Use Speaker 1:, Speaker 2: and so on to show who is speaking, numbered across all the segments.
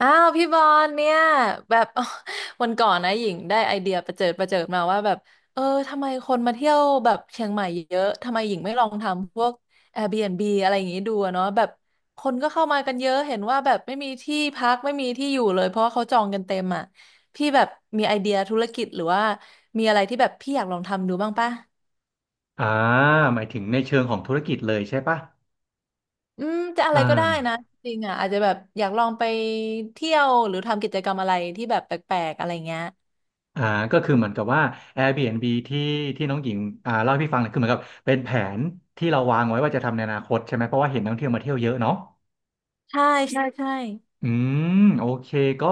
Speaker 1: อ้าวพี่บอลเนี่ยแบบ อ๋อวันก่อนนะหญิงได้ไอเดียประเจิดประเจิดมาว่าแบบเออทำไมคนมาเที่ยวแบบเชียงใหม่เยอะทำไมหญิงไม่ลองทำพวก Airbnb อะไรอย่างงี้ดูอะเนาะแบบคนก็เข้ามากันเยอะเห็นว่าแบบไม่มีที่พักไม่มีที่อยู่เลยเพราะว่าเขาจองกันเต็มอ่ะพี่แบบมีไอเดียธุรกิจหรือว่ามีอะไรที่แบบพี่อยากลองทำดูบ้างปะ
Speaker 2: อ่าหมายถึงในเชิงของธุรกิจเลยใช่ปะ
Speaker 1: อืมจะอะไร
Speaker 2: อ่
Speaker 1: ก็ได้นะ
Speaker 2: า
Speaker 1: จริงอ่ะอาจจะแบบอยากลองไปเที่ยวหรือทำกิจกรรมอะไรที่แบบแปลกๆอะไรเงี้ย
Speaker 2: อ่าก็คือเหมือนกับว่า Airbnb ที่น้องหญิงเล่าให้พี่ฟังเนี่ยคือเหมือนกับเป็นแผนที่เราวางไว้ว่าจะทำในอนาคตใช่ไหมเพราะว่าเห็นนักท่องเที่ยวมาเที่ยวเยอะเนาะ
Speaker 1: ใช่ใช่ใช่
Speaker 2: อืมโอเคก็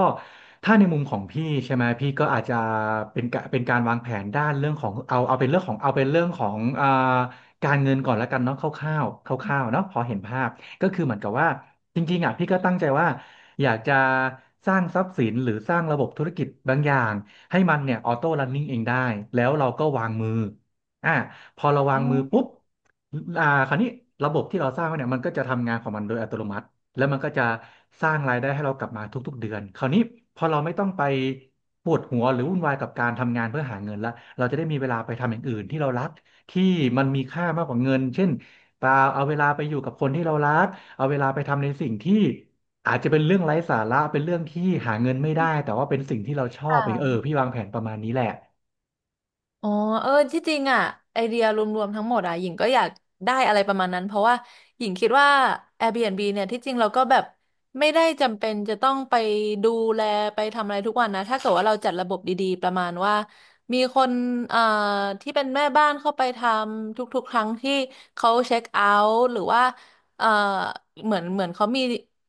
Speaker 2: ถ้าในมุมของพี่ใช่ไหมพี่ก็อาจจะเป็นการวางแผนด้านเรื่องของเอาเป็นเรื่องของเอาเป็นเรื่องของการเงินก่อนแล้วกันเนาะคร่าวๆคร่าวๆเนาะพอเห็นภาพก็คือเหมือนกับว่าจริงๆอ่ะพี่ก็ตั้งใจว่าอยากจะสร้างทรัพย์สินหรือสร้างระบบธุรกิจบางอย่างให้มันเนี่ยออโต้รันนิ่งเองได้แล้วเราก็วางมืออ่าพอเราวา
Speaker 1: อื
Speaker 2: งมือปุ๊บ
Speaker 1: ม
Speaker 2: คราวนี้ระบบที่เราสร้างไว้เนี่ยมันก็จะทำงานของมันโดยอัตโนมัติ แล้วมันก็จะสร้างรายได้ให้เรากลับมาทุกๆเดือนคราวนี้พอเราไม่ต้องไปปวดหัวหรือวุ่นวายกับการทำงานเพื่อหาเงินละเราจะได้มีเวลาไปทำอย่างอื่นที่เรารักที่มันมีค่ามากกว่าเงินเช่นเปล่าเอาเวลาไปอยู่กับคนที่เรารักเอาเวลาไปทำในสิ่งที่อาจจะเป็นเรื่องไร้สาระเป็นเรื่องที่หาเงินไม่ได้แต่ว่าเป็นสิ่งที่เราชอ
Speaker 1: ค
Speaker 2: บเองเออ
Speaker 1: ่ะ
Speaker 2: พี่วางแผนประมาณนี้แหละ
Speaker 1: อ๋อ เออที่จริงอ่ะไอเดียรวมๆทั้งหมดอ่ะหญิงก็อยากได้อะไรประมาณนั้นเพราะว่าหญิงคิดว่า Airbnb เนี่ยที่จริงเราก็แบบไม่ได้จำเป็นจะต้องไปดูแลไปทำอะไรทุกวันนะถ้าเกิดว่าเราจัดระบบดีๆประมาณว่ามีคนเอ่อที่เป็นแม่บ้านเข้าไปทำทุกๆครั้งที่เขาเช็คเอาท์หรือว่าเอ่อเหมือนเขามี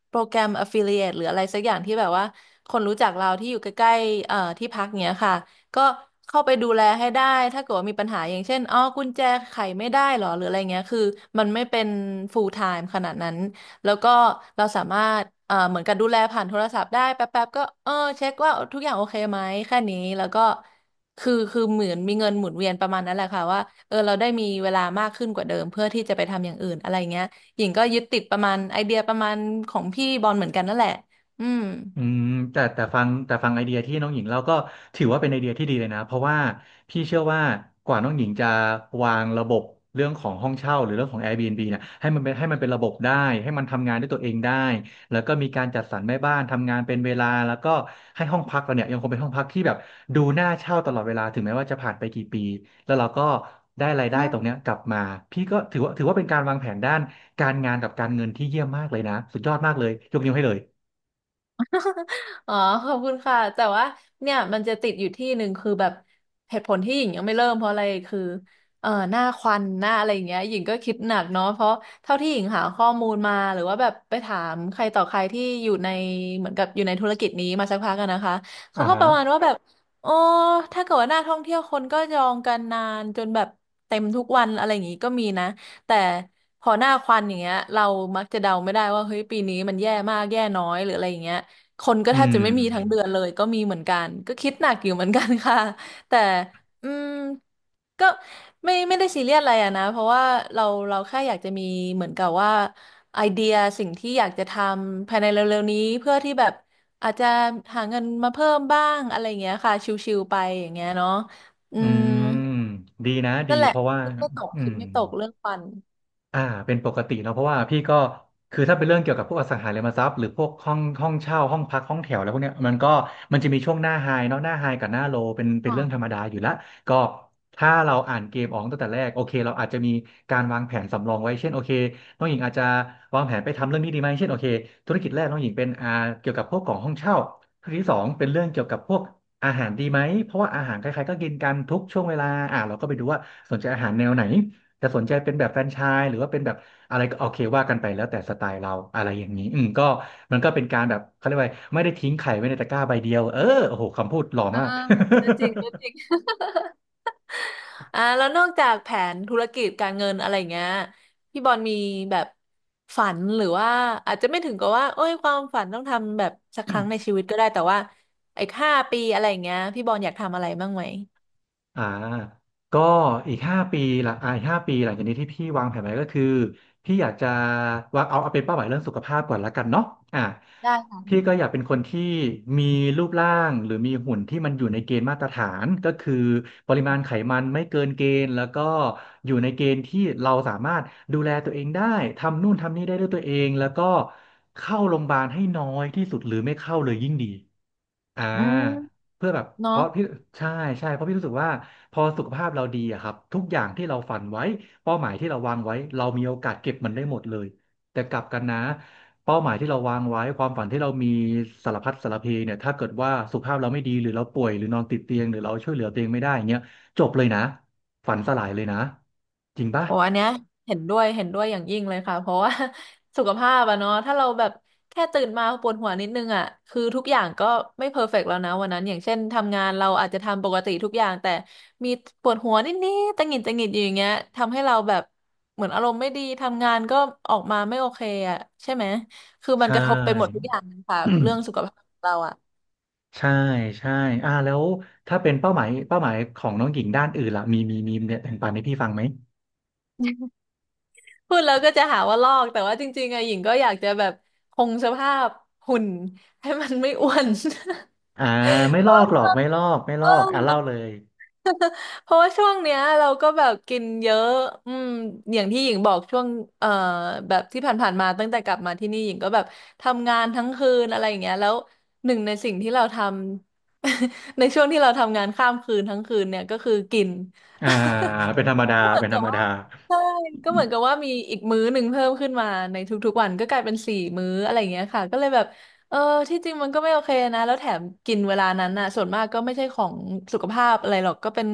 Speaker 1: โปรแกรม Affiliate หรืออะไรสักอย่างที่แบบว่าคนรู้จักเราที่อยู่ใกล้ๆที่พักเนี้ยค่ะ ก็เข้าไปดูแลให้ได้ถ้าเกิดว่ามีปัญหาอย่างเช่นอ๋อกุญแจไขไม่ได้หรอหรืออะไรเงี้ยคือมันไม่เป็น full time ขนาดนั้นแล้วก็เราสามารถเหมือนกับดูแลผ่านโทรศัพท์ได้แป๊บๆก็เช็คว่าทุกอย่างโอเคไหมแค่นี้แล้วก็คือเหมือนมีเงินหมุนเวียนประมาณนั้นแหละค่ะว่าเออเราได้มีเวลามากขึ้นกว่าเดิมเพื่อที่จะไปทำอย่างอื่นอะไรเงี้ยหญิงก็ยึดติดประมาณไอเดียประมาณของพี่บอลเหมือนกันนั่นแหละอืม
Speaker 2: อืมแต่ฟังไอเดียที่น้องหญิงเล่าก็ถือว่าเป็นไอเดียที่ดีเลยนะเพราะว่าพี่เชื่อว่ากว่าน้องหญิงจะวางระบบเรื่องของห้องเช่าหรือเรื่องของ Airbnb เนี่ยให้มันเป็นระบบได้ให้มันทำงานด้วยตัวเองได้แล้วก็มีการจัดสรรแม่บ้านทำงานเป็นเวลาแล้วก็ให้ห้องพักเราเนี่ยยังคงเป็นห้องพักที่แบบดูน่าเช่าตลอดเวลาถึงแม้ว่าจะผ่านไปกี่ปีแล้วเราก็ได้รายได้ตรงเนี้ยกลับมาพี่ก็ถือว่าเป็นการวางแผนด้านการงานกับการเงินที่เยี่ยมมากเลยนะสุดยอดมากเลยยกนิ้วให้เลย
Speaker 1: อ๋อขอบคุณค่ะแต่ว่าเนี่ยมันจะติดอยู่ที่หนึ่งคือแบบเหตุผลที่หญิงยังไม่เริ่มเพราะอะไรคือหน้าควันหน้าอะไรอย่างเงี้ยหญิงก็คิดหนักเนาะเพราะเท่าที่หญิงหาข้อมูลมาหรือว่าแบบไปถามใครต่อใครที่อยู่ในเหมือนกับอยู่ในธุรกิจนี้มาสักพักกันนะคะ
Speaker 2: อ่า
Speaker 1: เขาก็ป
Speaker 2: ฮะ
Speaker 1: ระมาณว่าแบบโอ้ถ้าเกิดว่าหน้าท่องเที่ยวคนก็จองกันนานจนแบบเต็มทุกวันอะไรอย่างงี้ก็มีนะแต่พอหน้าควันอย่างเงี้ยเรามักจะเดาไม่ได้ว่าเฮ้ยปีนี้มันแย่มากแย่น้อยหรืออะไรอย่างเงี้ย คนก็แท
Speaker 2: อื
Speaker 1: บจะ
Speaker 2: ม
Speaker 1: ไม่มีทั้งเดือนเลยก็มีเหมือนกันก็คิดหนักอยู่เหมือนกันค่ะ แต่อืมก็ไม่ได้ซีเรียสอะไรอะนะเพราะว่าเราเราแค่อยากจะมีเหมือนกับว่าไอเดียสิ่งที่อยากจะทำภายในเร็วๆนี้เพื่อที่แบบอาจจะหาเงินมาเพิ่มบ้างอะไรอย่างเงี้ยค่ะชิวๆไปอย่างเงี้ยเนาะอื
Speaker 2: อื
Speaker 1: ม
Speaker 2: ม ดีนะดี
Speaker 1: นั่นแหละ
Speaker 2: เพราะว่า
Speaker 1: คิดไม่ตก
Speaker 2: อื
Speaker 1: คิด
Speaker 2: ม
Speaker 1: ไม่ตกเรื่องฟัน
Speaker 2: อ่าเป็นปกติเนอะเพราะว่าพี่ก็คือถ้าเป็นเรื่องเกี่ยวกับพวกอสังหาริมทรัพย์หรือพวกห้องเช่าห้องพักห้องแถวอะไรพวกเนี้ยมันก็มันจะมีช่วงหน้าไฮเนาะหน้าไฮกับหน้าโลเป็นเป็
Speaker 1: อ๋
Speaker 2: น
Speaker 1: อ
Speaker 2: เรื่องธรรมดาอยู่ละก็ถ้าเราอ่านเกมออกตั้งแต่แรกโอเคเราอาจจะมีการวางแผนสำรองไว้เช่นโอเคน้องหญิงอาจจะวางแผนไปทำเรื่องนี้ดีไหมเช่นโอเคธุรกิจแรกน้องหญิงเป็นเกี่ยวกับพวกของห้องเช่าธุรกิจที่สองเป็นเรื่องเกี่ยวกับพวกอาหารดีไหมเพราะว่าอาหารใครๆก็กินกันทุกช่วงเวลาเราก็ไปดูว่าสนใจอาหารแนวไหน จะสนใจเป็นแบบแฟรนไชส์หรือว่าเป็นแบบอะไรก็โอเคว่ากันไปแล้วแต่สไตล์เราอะไรอย่างนี้อืมก็มันก็เป็นการแบบเขาเรียกว่าไม่ได้ทิ้งไข่ไว้ในตะกร้าใบเดียวเออโอ้โหคำพูดหล่อ
Speaker 1: อ่า
Speaker 2: มาก
Speaker 1: ก็จริงก็จริง อ่าแล้วนอกจากแผนธุรกิจการเงินอะไรอย่างเงี้ยพี่บอลมีแบบฝันหรือว่าอาจจะไม่ถึงกับว่าเอ้ยความฝันต้องทำแบบสักครั้งใน ชีวิตก็ได้แต่ว่าไอ้5 ปีอะไรอย่างเงี้ยพี่บอลอยากทำอะไรบ้างไหม
Speaker 2: อ่าก็อีกห้าปีหลังอีกห้าปีหลังจากนี้ที่พี่วางแผนไว้ก็คือพี่อยากจะวางเอาเป็นเป้าหมายเรื่องสุขภาพก่อนละกันเนาะอ่า
Speaker 1: ได้ค่ะ
Speaker 2: พี่ก็อยากเป็นคนที่มีรูปร่างหรือมีหุ่นที่มันอยู่ในเกณฑ์มาตรฐานก็คือปริมาณไขมันไม่เกินเกณฑ์แล้วก็อยู่ในเกณฑ์ที่เราสามารถดูแลตัวเองได้ทำนู่นทำนี่ได้ด้วยตัวเองแล้วก็เข้าโรงพยาบาลให้น้อยที่สุดหรือไม่เข้าเลยยิ่งดี อ่า
Speaker 1: อืม
Speaker 2: เพื่อแบบเพ
Speaker 1: เนาะ
Speaker 2: ราะพี่ใช่ใช่เพราะพี่รู้สึกว่าพอสุขภาพเราดีอะครับทุกอย่างที่เราฝันไว้เป้าหมายที่เราวางไว้เรามีโอกาสเก็บมันได้หมดเลยแต่กลับกันนะเป้าหมายที่เราวางไว้ความฝันที่เรามีสารพัดสารเพเนี่ยถ้าเกิดว่าสุขภาพเราไม่ดีหรือเราป่วยหรือนอนติดเตียงหรือเราช่วยเหลือตัวเองไม่ได้อย่างเงี้ยจบเลยนะฝันสลายเลยนะจริงปะ
Speaker 1: โอ้อันเนี้ยเห็นด้วยเห็นด้วยอย่างยิ่งเลยค่ะเพราะว่า สุขภาพอะเนาะถ้าเราแบบแค่ตื่นมาปวดหัวนิดนึงอะคือทุกอย่างก็ไม่เพอร์เฟกต์แล้วนะวันนั้นอย่างเช่นทำงานเราอาจจะทำปกติทุกอย่างแต่มีปวดหัวนิดๆตะหงิดตะหงิดอยู่อย่างเงี้ยทำให้เราแบบเหมือนอารมณ์ไม่ดีทำงานก็ออกมาไม่โอเคอะใช่ไหมคือมัน
Speaker 2: ใช่
Speaker 1: กระทบไปหมดทุกอย่าง เลยค่ะเรื่องสุขภาพของเราอะ
Speaker 2: ใช่ใช่แล้วถ้าเป็นเป้าหมายของน้องหญิงด้านอื่นล่ะมีเนี่ยแบ่งปันให้พี่ฟังไหม
Speaker 1: พูดแล้วก็จะหาว่าลอกแต่ว่าจริงๆอะหญิงก็อยากจะแบบคงสภาพหุ่นให้มันไม่อ้วน
Speaker 2: อ่าไม่ลอกหรอกไม่ลอกไม่ล
Speaker 1: เอ
Speaker 2: อกอ่ะเล่าเล
Speaker 1: อ
Speaker 2: ย
Speaker 1: เพราะว่าช่วงเนี้ยเราก็แบบกินเยอะอืมอย่างที่หญิงบอกช่วงเอ่อแบบที่ผ่านๆมาตั้งแต่กลับมาที่นี่หญิงก็แบบทำงานทั้งคืนอะไรอย่างเงี้ยแล้วหนึ่งในสิ่งที่เราทำ ในช่วงที่เราทำงานข้ามคืนทั้งคืนเนี่ยก็คือกิน
Speaker 2: อ่าเป็นธรรมดา
Speaker 1: ก็เหมือ
Speaker 2: เป็
Speaker 1: น
Speaker 2: นธ
Speaker 1: กั
Speaker 2: ร
Speaker 1: บ
Speaker 2: รม
Speaker 1: ว่า
Speaker 2: ดา
Speaker 1: ใช่ก็เหมือนกับว่ามีอีกมื้อหนึ่งเพิ่มขึ้นมาในทุกๆวันก็กลายเป็นสี่มื้ออะไรอย่างเงี้ยค่ะก็เลยแบบเออที่จริงมันก็ไม่โอเคนะแล้วแถมกินเวลานั้นน่ะส่วนมากก็ไม่ใช่ของสุขภาพอะไรหรอกก็เป็น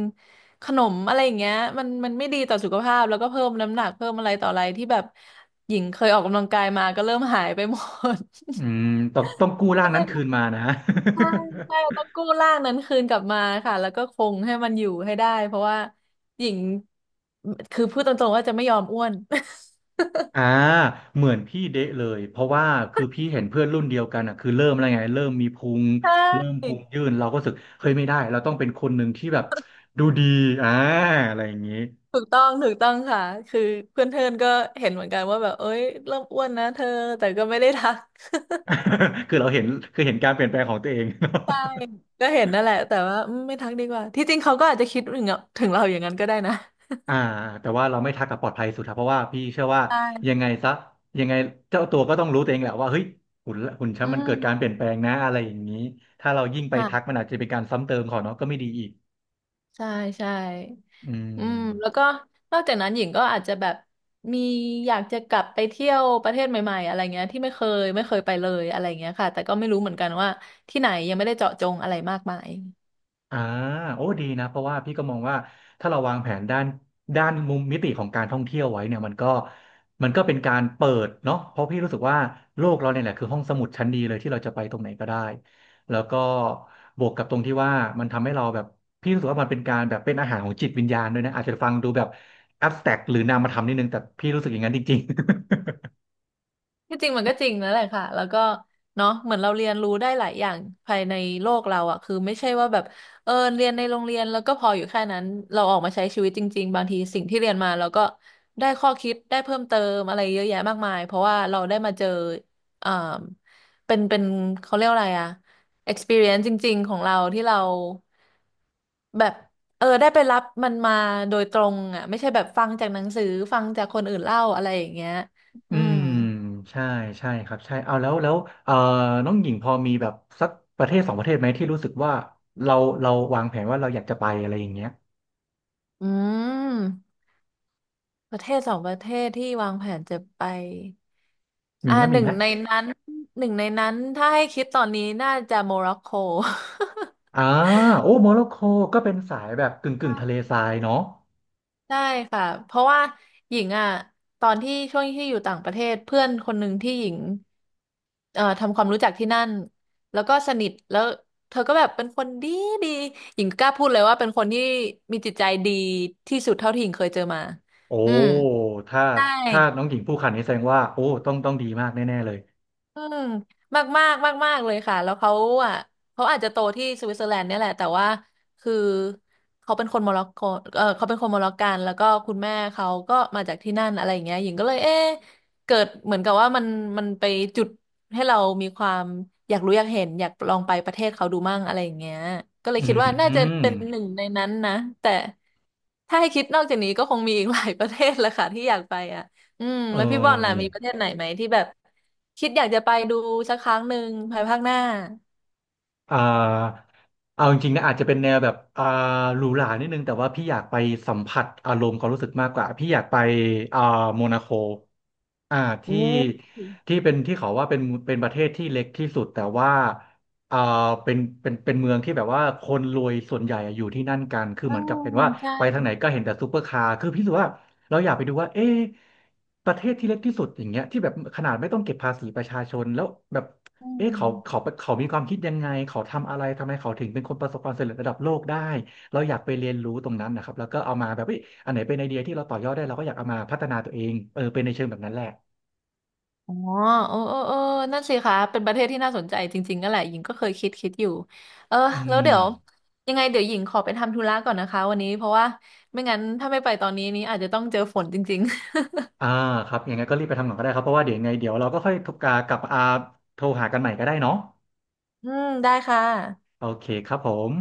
Speaker 1: ขนมอะไรอย่างเงี้ยมันไม่ดีต่อสุขภาพแล้วก็เพิ่มน้ำหนักเพิ่มอะไรต่ออะไรที่แบบหญิงเคยออกกำลังกายมาก็เริ่มหายไปหมด
Speaker 2: อืมต้องกู้ ร่า
Speaker 1: ก็
Speaker 2: ง
Speaker 1: เล
Speaker 2: นั้น
Speaker 1: ย
Speaker 2: คืนมานะ
Speaker 1: ใช่ ใช่ต้องกู้ร่างนั้นคืนกลับมาค่ะแล้วก็คงให้มันอยู่ให้ได้เพราะว่าหญิงคือพูดตรงๆว่าจะไม่ยอมอ้วน
Speaker 2: อ่าเหมือนพี่เดะเลยเพราะว่าคือพี่เห็นเพื่อนรุ่นเดียวกันอ่ะคือเริ่มอะไรไงเริ่มมีพุงเริ่ม พุง
Speaker 1: ใช่
Speaker 2: ยื่นเราก็รู้สึกเฮ้ยไม่ได้เราต้องเป็นคนหนึ่งที่แบบดูดีอ่าอะไรอย่างนี้
Speaker 1: ถูกต้องถูกต้องค่ะคือเพื่อนเพื่อนก็เห็นเหมือนกันว่าแบบเอ้ยเริ่มอ้วนนะเธอแต่ก็ไม่ได้ทัก
Speaker 2: คือเราเห็นคือเห็นการเปลี่ยนแปลงของตัวเอง
Speaker 1: ใช่ก็เห็นนั่นแหละแต่ว่าอืมไม่ทักดีกว่าที่จริงเขาก็อาจจะคิดถึงเราอย่างนั้นก็ได้นะ
Speaker 2: อ่าแต่ว่าเราไม่ทักกับปลอดภัยสุดครับเพราะว่าพี่เชื่อว่ายั
Speaker 1: ใช่
Speaker 2: งไงซะยังไงเจ้าตัวก็ต้องรู้ตัวเองแหละว่าเฮ้ยหุ่นฉัน
Speaker 1: อื
Speaker 2: มันเกิดการเปลี่
Speaker 1: ม
Speaker 2: ยนแปลงนะอะไรอย่างนี้ถ้าเรายิ่งไปทัก
Speaker 1: ค่ะ
Speaker 2: มันอาจจะเป็นการซ้ำเติมเขอเนาะก็ไม่ดีอีก
Speaker 1: ใช่ใช่
Speaker 2: อื
Speaker 1: อืมแล้ว
Speaker 2: ม
Speaker 1: ก็นอกจากนั้นหญิงก็อาจจะแบบมีอยากจะกลับไปเที่ยวประเทศใหม่ๆอะไรเงี้ยที่ไม่เคยไปเลยอะไรเงี้ยค่ะแต่ก็ไม่รู้เหมือนกันว่าที่ไหนยังไม่ได้เจาะจงอะไรมากมาย
Speaker 2: อ่าโอ้ดีนะเพราะว่าพี่ก็มองว่าถ้าเราวางแผนด้านมุมมิติของการท่องเที่ยวไว้เนี่ยมันก็เป็นการเปิดเนาะเพราะพี่รู้สึกว่าโลกเราเนี่ยแหละคือห้องสมุดชั้นดีเลยที่เราจะไปตรงไหนก็ได้แล้วก็บวกกับตรงที่ว่ามันทำให้เราแบบพี่รู้สึกว่ามันเป็นการแบบเป็นอาหารของจิตวิญญาณด้วยนะอาจจะฟังดูแบบแอบสแต็กหรือนามธรรมนิดนึงแต่พี่รู้สึกอย่างนั้นจริง
Speaker 1: ที่จริงมันก็จริงนั่นแหละค่ะแล้วก็เนาะเหมือนเราเรียนรู้ได้หลายอย่างภายในโลกเราอ่ะคือไม่ใช่ว่าแบบเรียนในโรงเรียนแล้วก็พออยู่แค่นั้นเราออกมาใช้ชีวิตจริงๆบางทีสิ่งที่เรียนมาเราก็ได้ข้อคิดได้เพิ่มเติมอะไรเยอะแยะมากมายเพราะว่าเราได้มาเจอเอ่อเป็นเขาเรียกว่าอะไรอ่ะ experience จริงๆของเราที่เราแบบได้ไปรับมันมาโดยตรงอ่ะไม่ใช่แบบฟังจากหนังสือฟังจากคนอื่นเล่าอะไรอย่างเงี้ย
Speaker 2: อื
Speaker 1: อืม
Speaker 2: มใช่ใช่ครับใช่เอาแล้วแล้วเอ่อน้องหญิงพอมีแบบสักประเทศสองประเทศไหมที่รู้สึกว่าเราวางแผนว่าเราอยากจะไปอะไรอย่างเงี้ย
Speaker 1: อืมประเทศสองประเทศที่วางแผนจะไป
Speaker 2: มี
Speaker 1: อ่า
Speaker 2: ไหม
Speaker 1: ห
Speaker 2: มี
Speaker 1: นึ่
Speaker 2: ไห
Speaker 1: ง
Speaker 2: ม
Speaker 1: ในนั้นหนึ่งในนั้นถ้าให้คิดตอนนี้น่าจะโมร็อกโก
Speaker 2: อ่าโอ้โมร็อกโกก็เป็นสายแบบกึ่งทะเล ทรายเนาะ
Speaker 1: ใช่ค่ะเพราะว่าหญิงอ่ะตอนที่ช่วงที่อยู่ต่างประเทศเพื่อนคนหนึ่งที่หญิงทำความรู้จักที่นั่นแล้วก็สนิทแล้วเธอก็แบบเป็นคนดีหญิงกล้าพูดเลยว่าเป็นคนที่มีจิตใจดีที่สุดเท่าที่หญิงเคยเจอมา
Speaker 2: โอ้
Speaker 1: อืม
Speaker 2: ถ้า
Speaker 1: ใช่
Speaker 2: ถ้าน้องหญิงพูดขนาดนี้แสดงว่าโอ้ต้องดีมากแน่ๆเลย
Speaker 1: อืมมากมากมากมากๆเลยค่ะแล้วเขาอ่ะเขาอาจจะโตที่สวิตเซอร์แลนด์เนี่ยแหละแต่ว่าคือเขาเป็นคนโมร็อกโกเขาเป็นคนโมร็อกกันแล้วก็คุณแม่เขาก็มาจากที่นั่นอะไรอย่างเงี้ยหญิงก็เลยเอ๊ะเกิดเหมือนกับว่ามันมันไปจุดให้เรามีความอยากรู้อยากเห็นอยากลองไปประเทศเขาดูมั่งอะไรอย่างเงี้ยก็เลย
Speaker 2: อื
Speaker 1: คิดว่าน่าจะเป็
Speaker 2: ม
Speaker 1: นหนึ่งในนั้นนะแต่ถ้าให้คิดนอกจากนี้ก็คงมีอีกหลายประเทศแหละค่ะที่อยากไปอ่ะ อืม
Speaker 2: เอ
Speaker 1: แล้วพี่บอลล่ะมี
Speaker 2: อ
Speaker 1: ประเทศไหนไหมที่แบบคิดอยากจะไปดูสักครั้งหนึ่งภายภาคหน้า
Speaker 2: อ่าเอาจริงๆนะอาจจะเป็นแนวแบบหรูหรานิดนึงแต่ว่าพี่อยากไปสัมผัสอารมณ์ความรู้สึกมากกว่าพี่อยากไปอ่าโมนาโค อ่า
Speaker 1: อื
Speaker 2: ที่
Speaker 1: ม
Speaker 2: ที่เป็นที่เขาว่าเป็นเป็นประเทศที่เล็กที่สุดแต่ว่าอ่าเป็นเป็นเป็นเมืองที่แบบว่าคนรวยส่วนใหญ่อะอยู่ที่นั่นกันคือ
Speaker 1: อื
Speaker 2: เหมือนกับ
Speaker 1: ม
Speaker 2: เป็นว่า
Speaker 1: ใช่
Speaker 2: ไปทางไหนก็เห็นแต่ซูเปอร์คาร์คือพี่รู้สึกว่าเราอยากไปดูว่าเอ๊ะประเทศที่เล็กที่สุดอย่างเงี้ยที่แบบขนาดไม่ต้องเก็บภาษีประชาชนแล้วแบบ
Speaker 1: อื
Speaker 2: เอ๊ะเขาเขา
Speaker 1: ม
Speaker 2: เขามีความคิดยังไงเขาทำอะไรทำไมเขาถึงเป็นคนประสบความสำเร็จระดับโลกได้เราอยากไปเรียนรู้ตรงนั้นนะครับแล้วก็เอามาแบบเอ้ยอันไหนเป็นไอเดียที่เราต่อยอดได้เราก็อยากเอามาพัฒนาตัวเองเออเป็นในเชิงแบบนั้นแหละ
Speaker 1: อ๋อเออนั่นสิคะเป็นประเทศที่น่าสนใจจริงๆนั่นแหละหญิงก็เคยคิดอยู่เออ
Speaker 2: อื
Speaker 1: แล้วเดี๋
Speaker 2: ม
Speaker 1: ยวยังไงเดี๋ยวหญิงขอไปทำธุระก่อนนะคะวันนี้เพราะว่าไม่งั้นถ้าไม่ไปตอนนี้นี้อาจจะต้องเจอฝนจริง
Speaker 2: อ่าครับยังไงก็รีบไปทำก่อนก็ได้ครับ เพราะว่าเดี๋ยวยังไงเดี๋ยวเราก็ค่อยโทรกากลับอาโทรหากันใหม่ก็ได้เนาะ
Speaker 1: ๆ อืมได้ค่ะ
Speaker 2: โอเคครับผม